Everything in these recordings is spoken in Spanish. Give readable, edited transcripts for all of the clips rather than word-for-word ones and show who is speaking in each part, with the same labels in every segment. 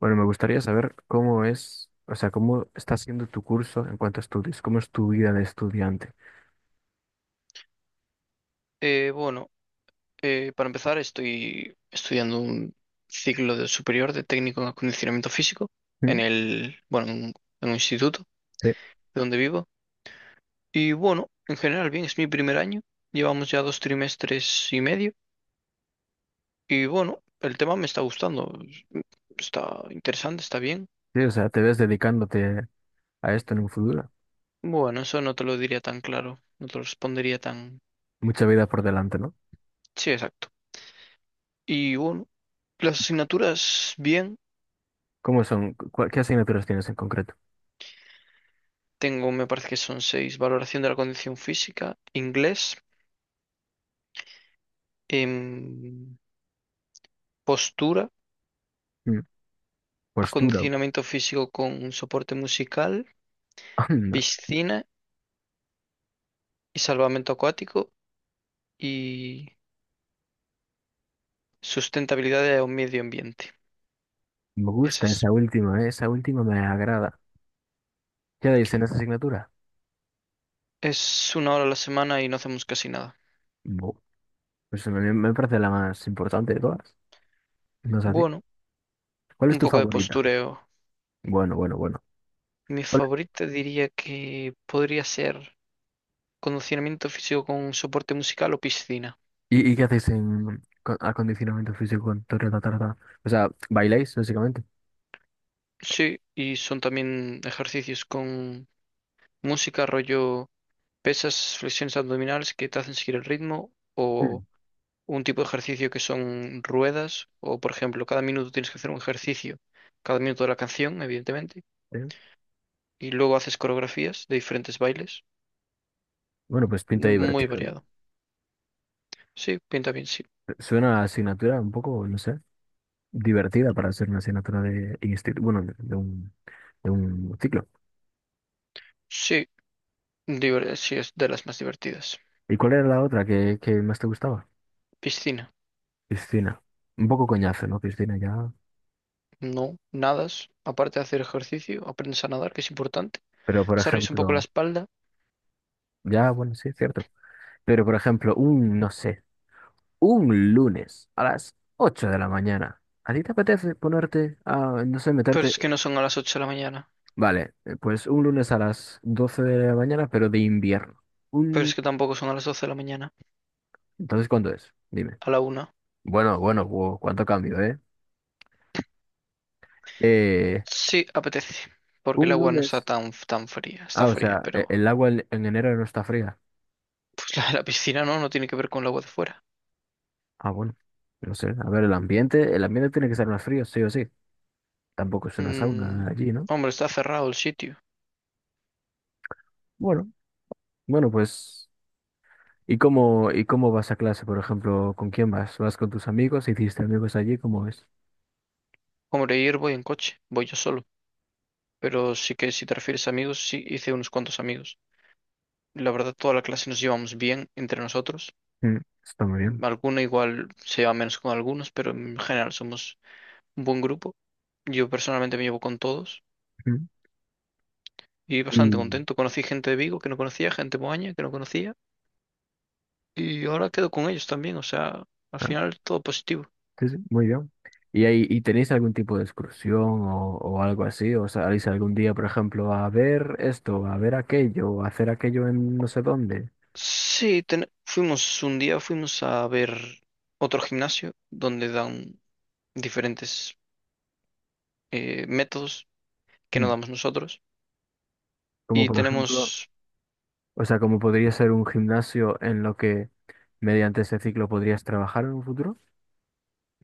Speaker 1: Bueno, me gustaría saber cómo es, o sea, cómo está siendo tu curso en cuanto a estudios, cómo es tu vida de estudiante.
Speaker 2: Bueno, para empezar estoy estudiando un ciclo de superior de técnico en acondicionamiento físico
Speaker 1: ¿Mm?
Speaker 2: bueno, en un instituto
Speaker 1: Sí,
Speaker 2: de donde vivo. Y bueno, en general bien, es mi primer año. Llevamos ya dos trimestres y medio. Y bueno, el tema me está gustando. Está interesante, está bien.
Speaker 1: sí, o sea, te ves dedicándote a esto en un futuro.
Speaker 2: Bueno, eso no te lo diría tan claro, no te lo respondería tan.
Speaker 1: Mucha vida por delante, ¿no?
Speaker 2: Sí, exacto. Y bueno, las asignaturas bien.
Speaker 1: ¿Cómo son? ¿Qué asignaturas tienes en concreto?
Speaker 2: Tengo, me parece que son seis, valoración de la condición física, inglés. em, Postura,
Speaker 1: Mm. Postura.
Speaker 2: acondicionamiento físico con un soporte musical,
Speaker 1: Anda,
Speaker 2: piscina y salvamento acuático y sustentabilidad de un medio ambiente.
Speaker 1: me gusta
Speaker 2: Esas.
Speaker 1: esa última, ¿eh? Esa última me agrada. ¿Qué dais en esa asignatura?
Speaker 2: Es una hora a la semana y no hacemos casi nada.
Speaker 1: Bu. Pues me parece la más importante de todas. No sé a ti.
Speaker 2: Bueno,
Speaker 1: ¿Cuál es
Speaker 2: un
Speaker 1: tu
Speaker 2: poco de
Speaker 1: favorita?
Speaker 2: postureo.
Speaker 1: Bueno, bueno, bueno.
Speaker 2: Mi favorita diría que podría ser condicionamiento físico con soporte musical o piscina.
Speaker 1: ¿Y, qué hacéis en acondicionamiento físico con Torre la Tarda? O sea, ¿bailáis básicamente?
Speaker 2: Sí, y son también ejercicios con música, rollo pesas, flexiones abdominales que te hacen seguir el ritmo
Speaker 1: Mm.
Speaker 2: o un tipo de ejercicio que son ruedas o, por ejemplo, cada minuto tienes que hacer un ejercicio, cada minuto de la canción, evidentemente,
Speaker 1: Sí.
Speaker 2: y luego haces coreografías de diferentes bailes,
Speaker 1: Bueno, pues pinta
Speaker 2: muy
Speaker 1: divertido, ¿no?
Speaker 2: variado. Sí, pinta bien, sí.
Speaker 1: Suena a asignatura un poco, no sé, divertida para ser una asignatura de instituto, bueno, de un, de un ciclo.
Speaker 2: Sí, sí es de las más divertidas.
Speaker 1: ¿Y cuál era la otra que más te gustaba?
Speaker 2: Piscina.
Speaker 1: Piscina. Un poco coñazo, ¿no? Piscina ya.
Speaker 2: No, nadas, aparte de hacer ejercicio, aprendes a nadar, que es importante.
Speaker 1: Pero por
Speaker 2: Desarrollas un poco la
Speaker 1: ejemplo,
Speaker 2: espalda,
Speaker 1: ya, bueno, sí, es cierto. Pero por ejemplo, un, no sé, un lunes a las 8 de la mañana. ¿A ti te apetece ponerte a, no sé,
Speaker 2: pero
Speaker 1: meterte?
Speaker 2: es que no son a las 8 de la mañana,
Speaker 1: Vale, pues un lunes a las 12 de la mañana, pero de invierno.
Speaker 2: pero es
Speaker 1: Un...
Speaker 2: que tampoco son a las 12 de la mañana,
Speaker 1: Entonces, ¿cuándo es? Dime.
Speaker 2: a la una.
Speaker 1: Bueno, bueno, wow, cuánto cambio, ¿eh? Eh,
Speaker 2: Sí, apetece, porque el
Speaker 1: un
Speaker 2: agua no está
Speaker 1: lunes.
Speaker 2: tan, tan fría,
Speaker 1: Ah,
Speaker 2: está
Speaker 1: o
Speaker 2: fría,
Speaker 1: sea,
Speaker 2: pero
Speaker 1: el agua en enero no está fría.
Speaker 2: la piscina no, no tiene que ver con el agua de fuera.
Speaker 1: Ah, bueno. No sé, a ver, el ambiente tiene que ser más frío, sí o sí. Tampoco es una
Speaker 2: Mm,
Speaker 1: sauna allí, ¿no?
Speaker 2: Hombre, está cerrado el sitio.
Speaker 1: Bueno, bueno, pues. Y cómo vas a clase, por ejemplo? ¿Con quién vas? ¿Vas con tus amigos? ¿Hiciste amigos allí? ¿Cómo es?
Speaker 2: Hombre, ir voy en coche, voy yo solo, pero sí que si te refieres a amigos, sí hice unos cuantos amigos. La verdad, toda la clase nos llevamos bien entre nosotros.
Speaker 1: Mm, está muy bien.
Speaker 2: Alguno igual se lleva menos con algunos, pero en general somos un buen grupo. Yo personalmente me llevo con todos
Speaker 1: Mm.
Speaker 2: y bastante
Speaker 1: Y...
Speaker 2: contento. Conocí gente de Vigo que no conocía, gente de Moaña que no conocía. Y ahora quedo con ellos también, o sea, al final todo positivo.
Speaker 1: Sí, sí, muy bien. ¿Y, ahí, y tenéis algún tipo de excursión o algo así? ¿O salís algún día, por ejemplo, a ver esto, a ver aquello, o a hacer aquello en no sé dónde?
Speaker 2: Sí, fuimos un día, fuimos a ver otro gimnasio donde dan diferentes métodos que no
Speaker 1: Mm.
Speaker 2: damos nosotros.
Speaker 1: Como
Speaker 2: Y
Speaker 1: por ejemplo,
Speaker 2: tenemos,
Speaker 1: o sea, ¿como podría ser un gimnasio en lo que mediante ese ciclo podrías trabajar en un futuro?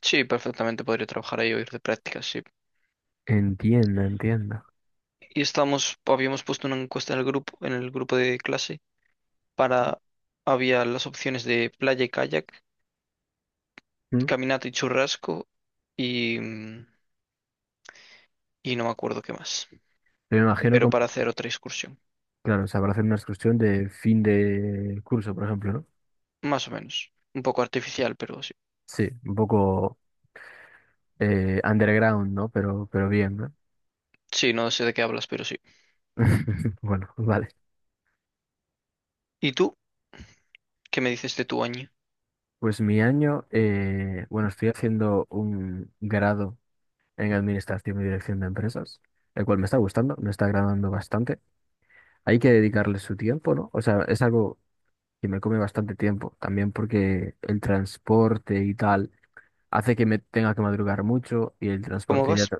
Speaker 2: sí, perfectamente podría trabajar ahí o ir de prácticas, sí.
Speaker 1: Entienda, entienda.
Speaker 2: Habíamos puesto una encuesta en el grupo de clase, para, había las opciones de playa y kayak,
Speaker 1: Mm.
Speaker 2: caminata y churrasco y, mm, y no me acuerdo qué más,
Speaker 1: Me imagino
Speaker 2: pero para
Speaker 1: como,
Speaker 2: hacer otra excursión.
Speaker 1: claro, o sea, para hacer una excursión de fin de curso, por ejemplo, ¿no?
Speaker 2: Más o menos. Un poco artificial, pero sí.
Speaker 1: Sí, un poco underground, ¿no? Pero bien, ¿no?
Speaker 2: Sí, no sé de qué hablas, pero sí.
Speaker 1: Bueno, vale.
Speaker 2: ¿Y tú? ¿Qué me dices de tu año?
Speaker 1: Pues mi año, bueno, estoy haciendo un grado en Administración y Dirección de Empresas, el cual me está gustando, me está agradando bastante. Hay que dedicarle su tiempo, ¿no? O sea, es algo que me come bastante tiempo, también porque el transporte y tal hace que me tenga que madrugar mucho y el
Speaker 2: ¿Cómo
Speaker 1: transporte ya,
Speaker 2: vas?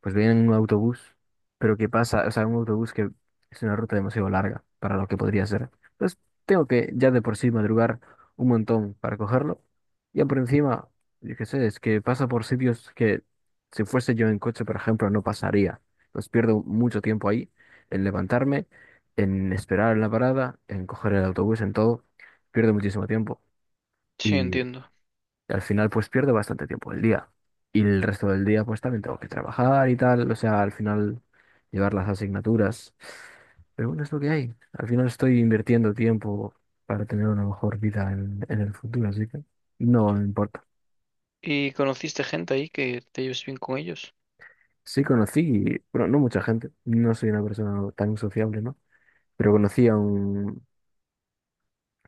Speaker 1: pues vienen en un autobús, pero ¿qué pasa? O sea, un autobús que es una ruta demasiado larga para lo que podría ser. Pues tengo que ya de por sí madrugar un montón para cogerlo. Y por encima, yo qué sé, es que pasa por sitios que si fuese yo en coche, por ejemplo, no pasaría. Pues pierdo mucho tiempo ahí en levantarme, en esperar en la parada, en coger el autobús, en todo. Pierdo muchísimo tiempo.
Speaker 2: Sí, entiendo.
Speaker 1: Y al final pues pierdo bastante tiempo del día. Y el resto del día pues también tengo que trabajar y tal. O sea, al final llevar las asignaturas. Pero bueno, es lo que hay. Al final estoy invirtiendo tiempo para tener una mejor vida en el futuro, así que no me importa.
Speaker 2: ¿Y conociste gente ahí que te lleves bien con ellos?
Speaker 1: Sí conocí, bueno, no mucha gente. No soy una persona tan sociable, ¿no? Pero conocí a un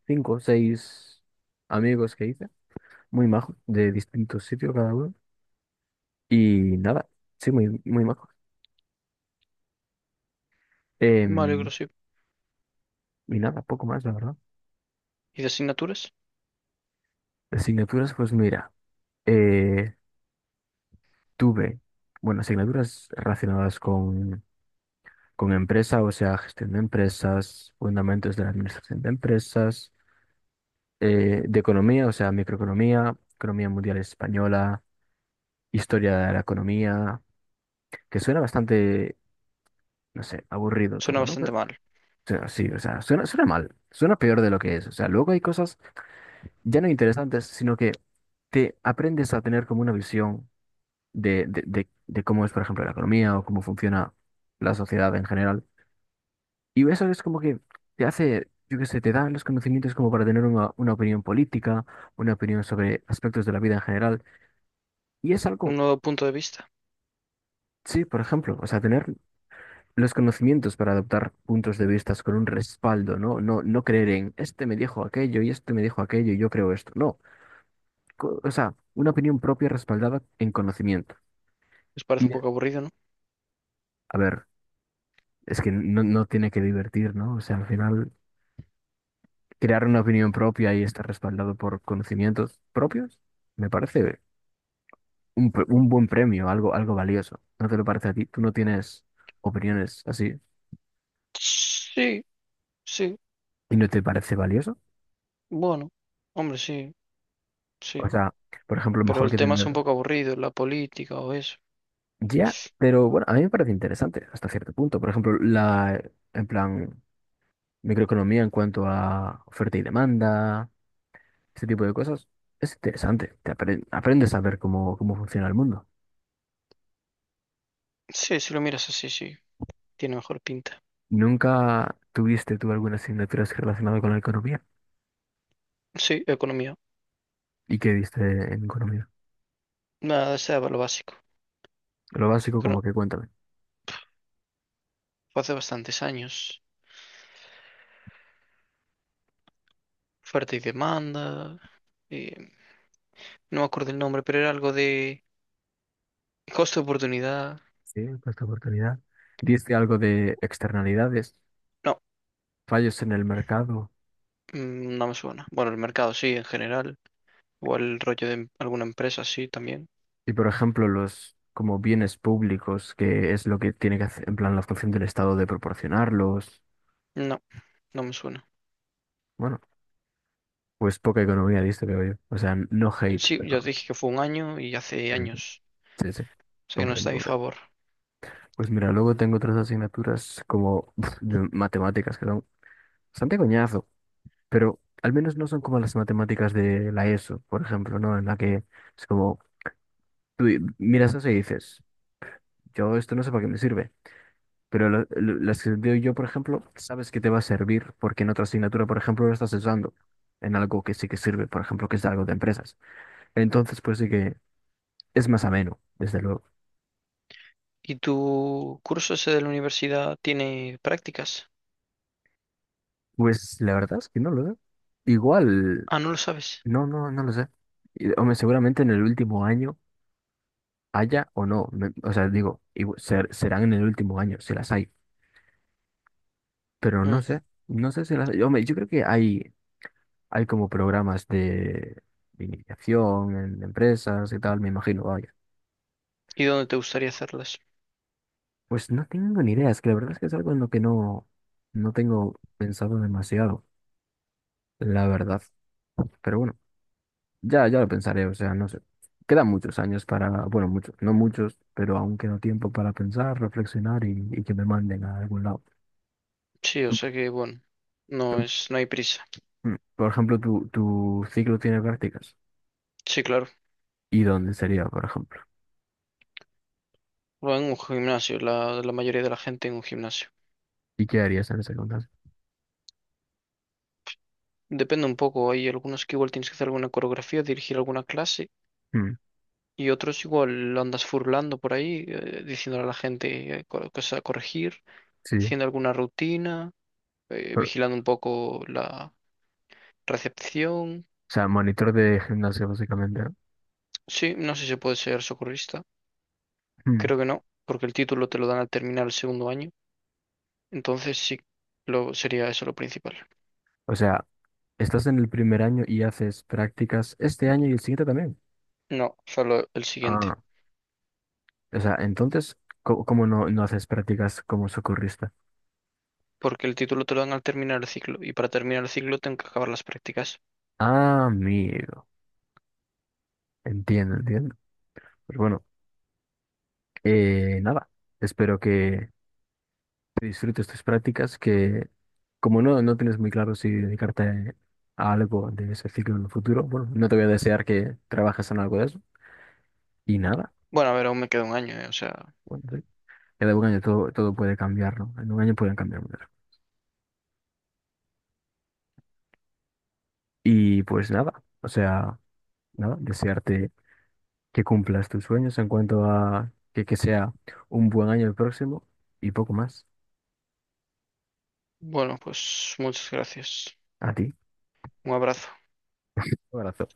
Speaker 1: cinco o seis amigos que hice, muy majos, de distintos sitios cada uno. Y nada, sí, muy majos.
Speaker 2: Me
Speaker 1: Em.
Speaker 2: alegro, sí.
Speaker 1: Y nada, poco más, la verdad.
Speaker 2: ¿Y de asignaturas?
Speaker 1: Asignaturas, pues mira, eh, tuve, bueno, asignaturas relacionadas con empresa, o sea, gestión de empresas, fundamentos de la administración de empresas, de economía, o sea, microeconomía, economía mundial española, historia de la economía, que suena bastante, no sé, aburrido
Speaker 2: Suena
Speaker 1: todo, ¿no? Pero,
Speaker 2: bastante
Speaker 1: o
Speaker 2: mal.
Speaker 1: sea, sí, o sea, suena, suena mal, suena peor de lo que es. O sea, luego hay cosas ya no interesantes, sino que te aprendes a tener como una visión. De cómo es, por ejemplo, la economía o cómo funciona la sociedad en general. Y eso es como que te hace, yo qué sé, te dan los conocimientos como para tener una opinión política, una opinión sobre aspectos de la vida en general. Y es
Speaker 2: Un
Speaker 1: algo,
Speaker 2: nuevo punto de vista.
Speaker 1: sí, por ejemplo, o sea, tener los conocimientos para adoptar puntos de vista con un respaldo, ¿no? No, no creer en este me dijo aquello y este me dijo aquello y yo creo esto. No. O sea, una opinión propia respaldada en conocimiento.
Speaker 2: Les parece un
Speaker 1: Y,
Speaker 2: poco aburrido, ¿no?
Speaker 1: a ver, es que no, no tiene que divertir, ¿no? O sea, al final... crear una opinión propia y estar respaldado por conocimientos propios, me parece un, un buen premio, algo, algo valioso. ¿No te lo parece a ti? ¿Tú no tienes opiniones así
Speaker 2: Sí, sí.
Speaker 1: y no te parece valioso?
Speaker 2: Bueno, hombre, sí,
Speaker 1: O
Speaker 2: sí.
Speaker 1: sea, por ejemplo,
Speaker 2: Pero
Speaker 1: mejor
Speaker 2: el
Speaker 1: que
Speaker 2: tema es un
Speaker 1: tener...
Speaker 2: poco aburrido, la política o eso.
Speaker 1: Ya, pero bueno, a mí me parece interesante hasta cierto punto. Por ejemplo, la, en plan, microeconomía en cuanto a oferta y demanda, ese tipo de cosas, es interesante. Aprendes a ver cómo, cómo funciona el mundo.
Speaker 2: Sí, si lo miras así, sí. Tiene mejor pinta.
Speaker 1: ¿Nunca tuviste tú alguna asignatura así relacionada con la economía?
Speaker 2: Sí, economía.
Speaker 1: ¿Y qué diste en economía?
Speaker 2: Nada, sea lo básico.
Speaker 1: Lo básico, como
Speaker 2: Cono-
Speaker 1: que cuéntame.
Speaker 2: Fue hace bastantes años. Oferta y demanda, eh, no me acuerdo el nombre, pero era algo de costo de oportunidad.
Speaker 1: Sí, por esta oportunidad. Diste algo de externalidades,
Speaker 2: No,
Speaker 1: fallos en el mercado
Speaker 2: no me suena. Bueno, el mercado sí, en general, o el rollo de alguna empresa sí también.
Speaker 1: y, por ejemplo, los como bienes públicos, que es lo que tiene que hacer, en plan, la función del Estado de proporcionarlos.
Speaker 2: No, no me suena.
Speaker 1: Bueno, pues poca economía diste, veo yo. O sea, no hate,
Speaker 2: Sí, ya os
Speaker 1: pero...
Speaker 2: dije que fue un año y hace años,
Speaker 1: Sí, sí.
Speaker 2: o sea que no
Speaker 1: Comprendo,
Speaker 2: está a mi
Speaker 1: comprendo.
Speaker 2: favor.
Speaker 1: Pues mira, luego tengo otras asignaturas como de matemáticas que son bastante coñazo. Pero al menos no son como las matemáticas de la ESO, por ejemplo, ¿no? En la que es como, miras eso y dices, yo esto no sé para qué me sirve, pero las que doy yo, por ejemplo, sabes que te va a servir porque en otra asignatura, por ejemplo, lo estás usando en algo que sí que sirve, por ejemplo, que es algo de empresas. Entonces, pues sí que es más ameno, desde luego.
Speaker 2: ¿Y tu curso ese de la universidad tiene prácticas?
Speaker 1: Pues la verdad es que no lo sé. Igual,
Speaker 2: Ah, no lo sabes.
Speaker 1: no lo sé. Y- Hombre, seguramente en el último año haya o no. O sea, digo, serán en el último año, si las hay. Pero no
Speaker 2: Mm,
Speaker 1: sé, no sé si las... Yo, yo creo que hay como programas de iniciación en empresas y tal, me imagino, vaya.
Speaker 2: ¿Y dónde te gustaría hacerlas?
Speaker 1: Pues no tengo ni idea, es que la verdad es que es algo en lo que no, no tengo pensado demasiado, la verdad. Pero bueno, ya lo pensaré, o sea, no sé. Quedan muchos años para, bueno, muchos, no muchos, pero aún queda tiempo para pensar, reflexionar y que me manden a algún lado.
Speaker 2: Sí, o
Speaker 1: Tú-
Speaker 2: sea que, bueno,
Speaker 1: Tú,
Speaker 2: no hay prisa.
Speaker 1: mm, por ejemplo, tu ciclo tiene prácticas.
Speaker 2: Sí, claro.
Speaker 1: ¿Y dónde sería, por ejemplo?
Speaker 2: O en un gimnasio, la mayoría de la gente en un gimnasio.
Speaker 1: ¿Y qué harías en ese contexto?
Speaker 2: Depende un poco, hay algunos que igual tienes que hacer alguna coreografía, dirigir alguna clase,
Speaker 1: Mm,
Speaker 2: y otros igual andas furlando por ahí, diciéndole a la gente cosas a corregir,
Speaker 1: sí,
Speaker 2: haciendo alguna rutina,
Speaker 1: pero- o
Speaker 2: vigilando un poco la recepción.
Speaker 1: sea, monitor de gimnasio básicamente, ¿no?
Speaker 2: Sí, no sé si se puede ser socorrista,
Speaker 1: Mm.
Speaker 2: creo que no, porque el título te lo dan al terminar el segundo año, entonces sí, sería eso lo principal.
Speaker 1: O sea, estás en el primer año y haces prácticas este año y el siguiente también.
Speaker 2: No, solo el siguiente.
Speaker 1: Ah, o sea, entonces, ¿cómo, no, no haces prácticas como socorrista?
Speaker 2: Porque el título te lo dan al terminar el ciclo y para terminar el ciclo tengo que acabar las prácticas.
Speaker 1: Ah, amigo, entiendo, entiendo. Pues bueno, nada, espero que te disfrutes tus prácticas, que como no, no tienes muy claro si dedicarte a algo de ese ciclo en el futuro, bueno, no te voy a desear que trabajes en algo de eso. Y nada.
Speaker 2: Bueno, a ver, aún me queda un año, o sea,
Speaker 1: Bueno, sí. Cada un año todo, todo puede cambiar, ¿no? En un año pueden cambiar muchas cosas. Y pues nada, o sea, nada, desearte que cumplas tus sueños en cuanto a que sea un buen año el próximo y poco más.
Speaker 2: bueno, pues muchas gracias.
Speaker 1: A ti.
Speaker 2: Un abrazo.
Speaker 1: Un abrazo.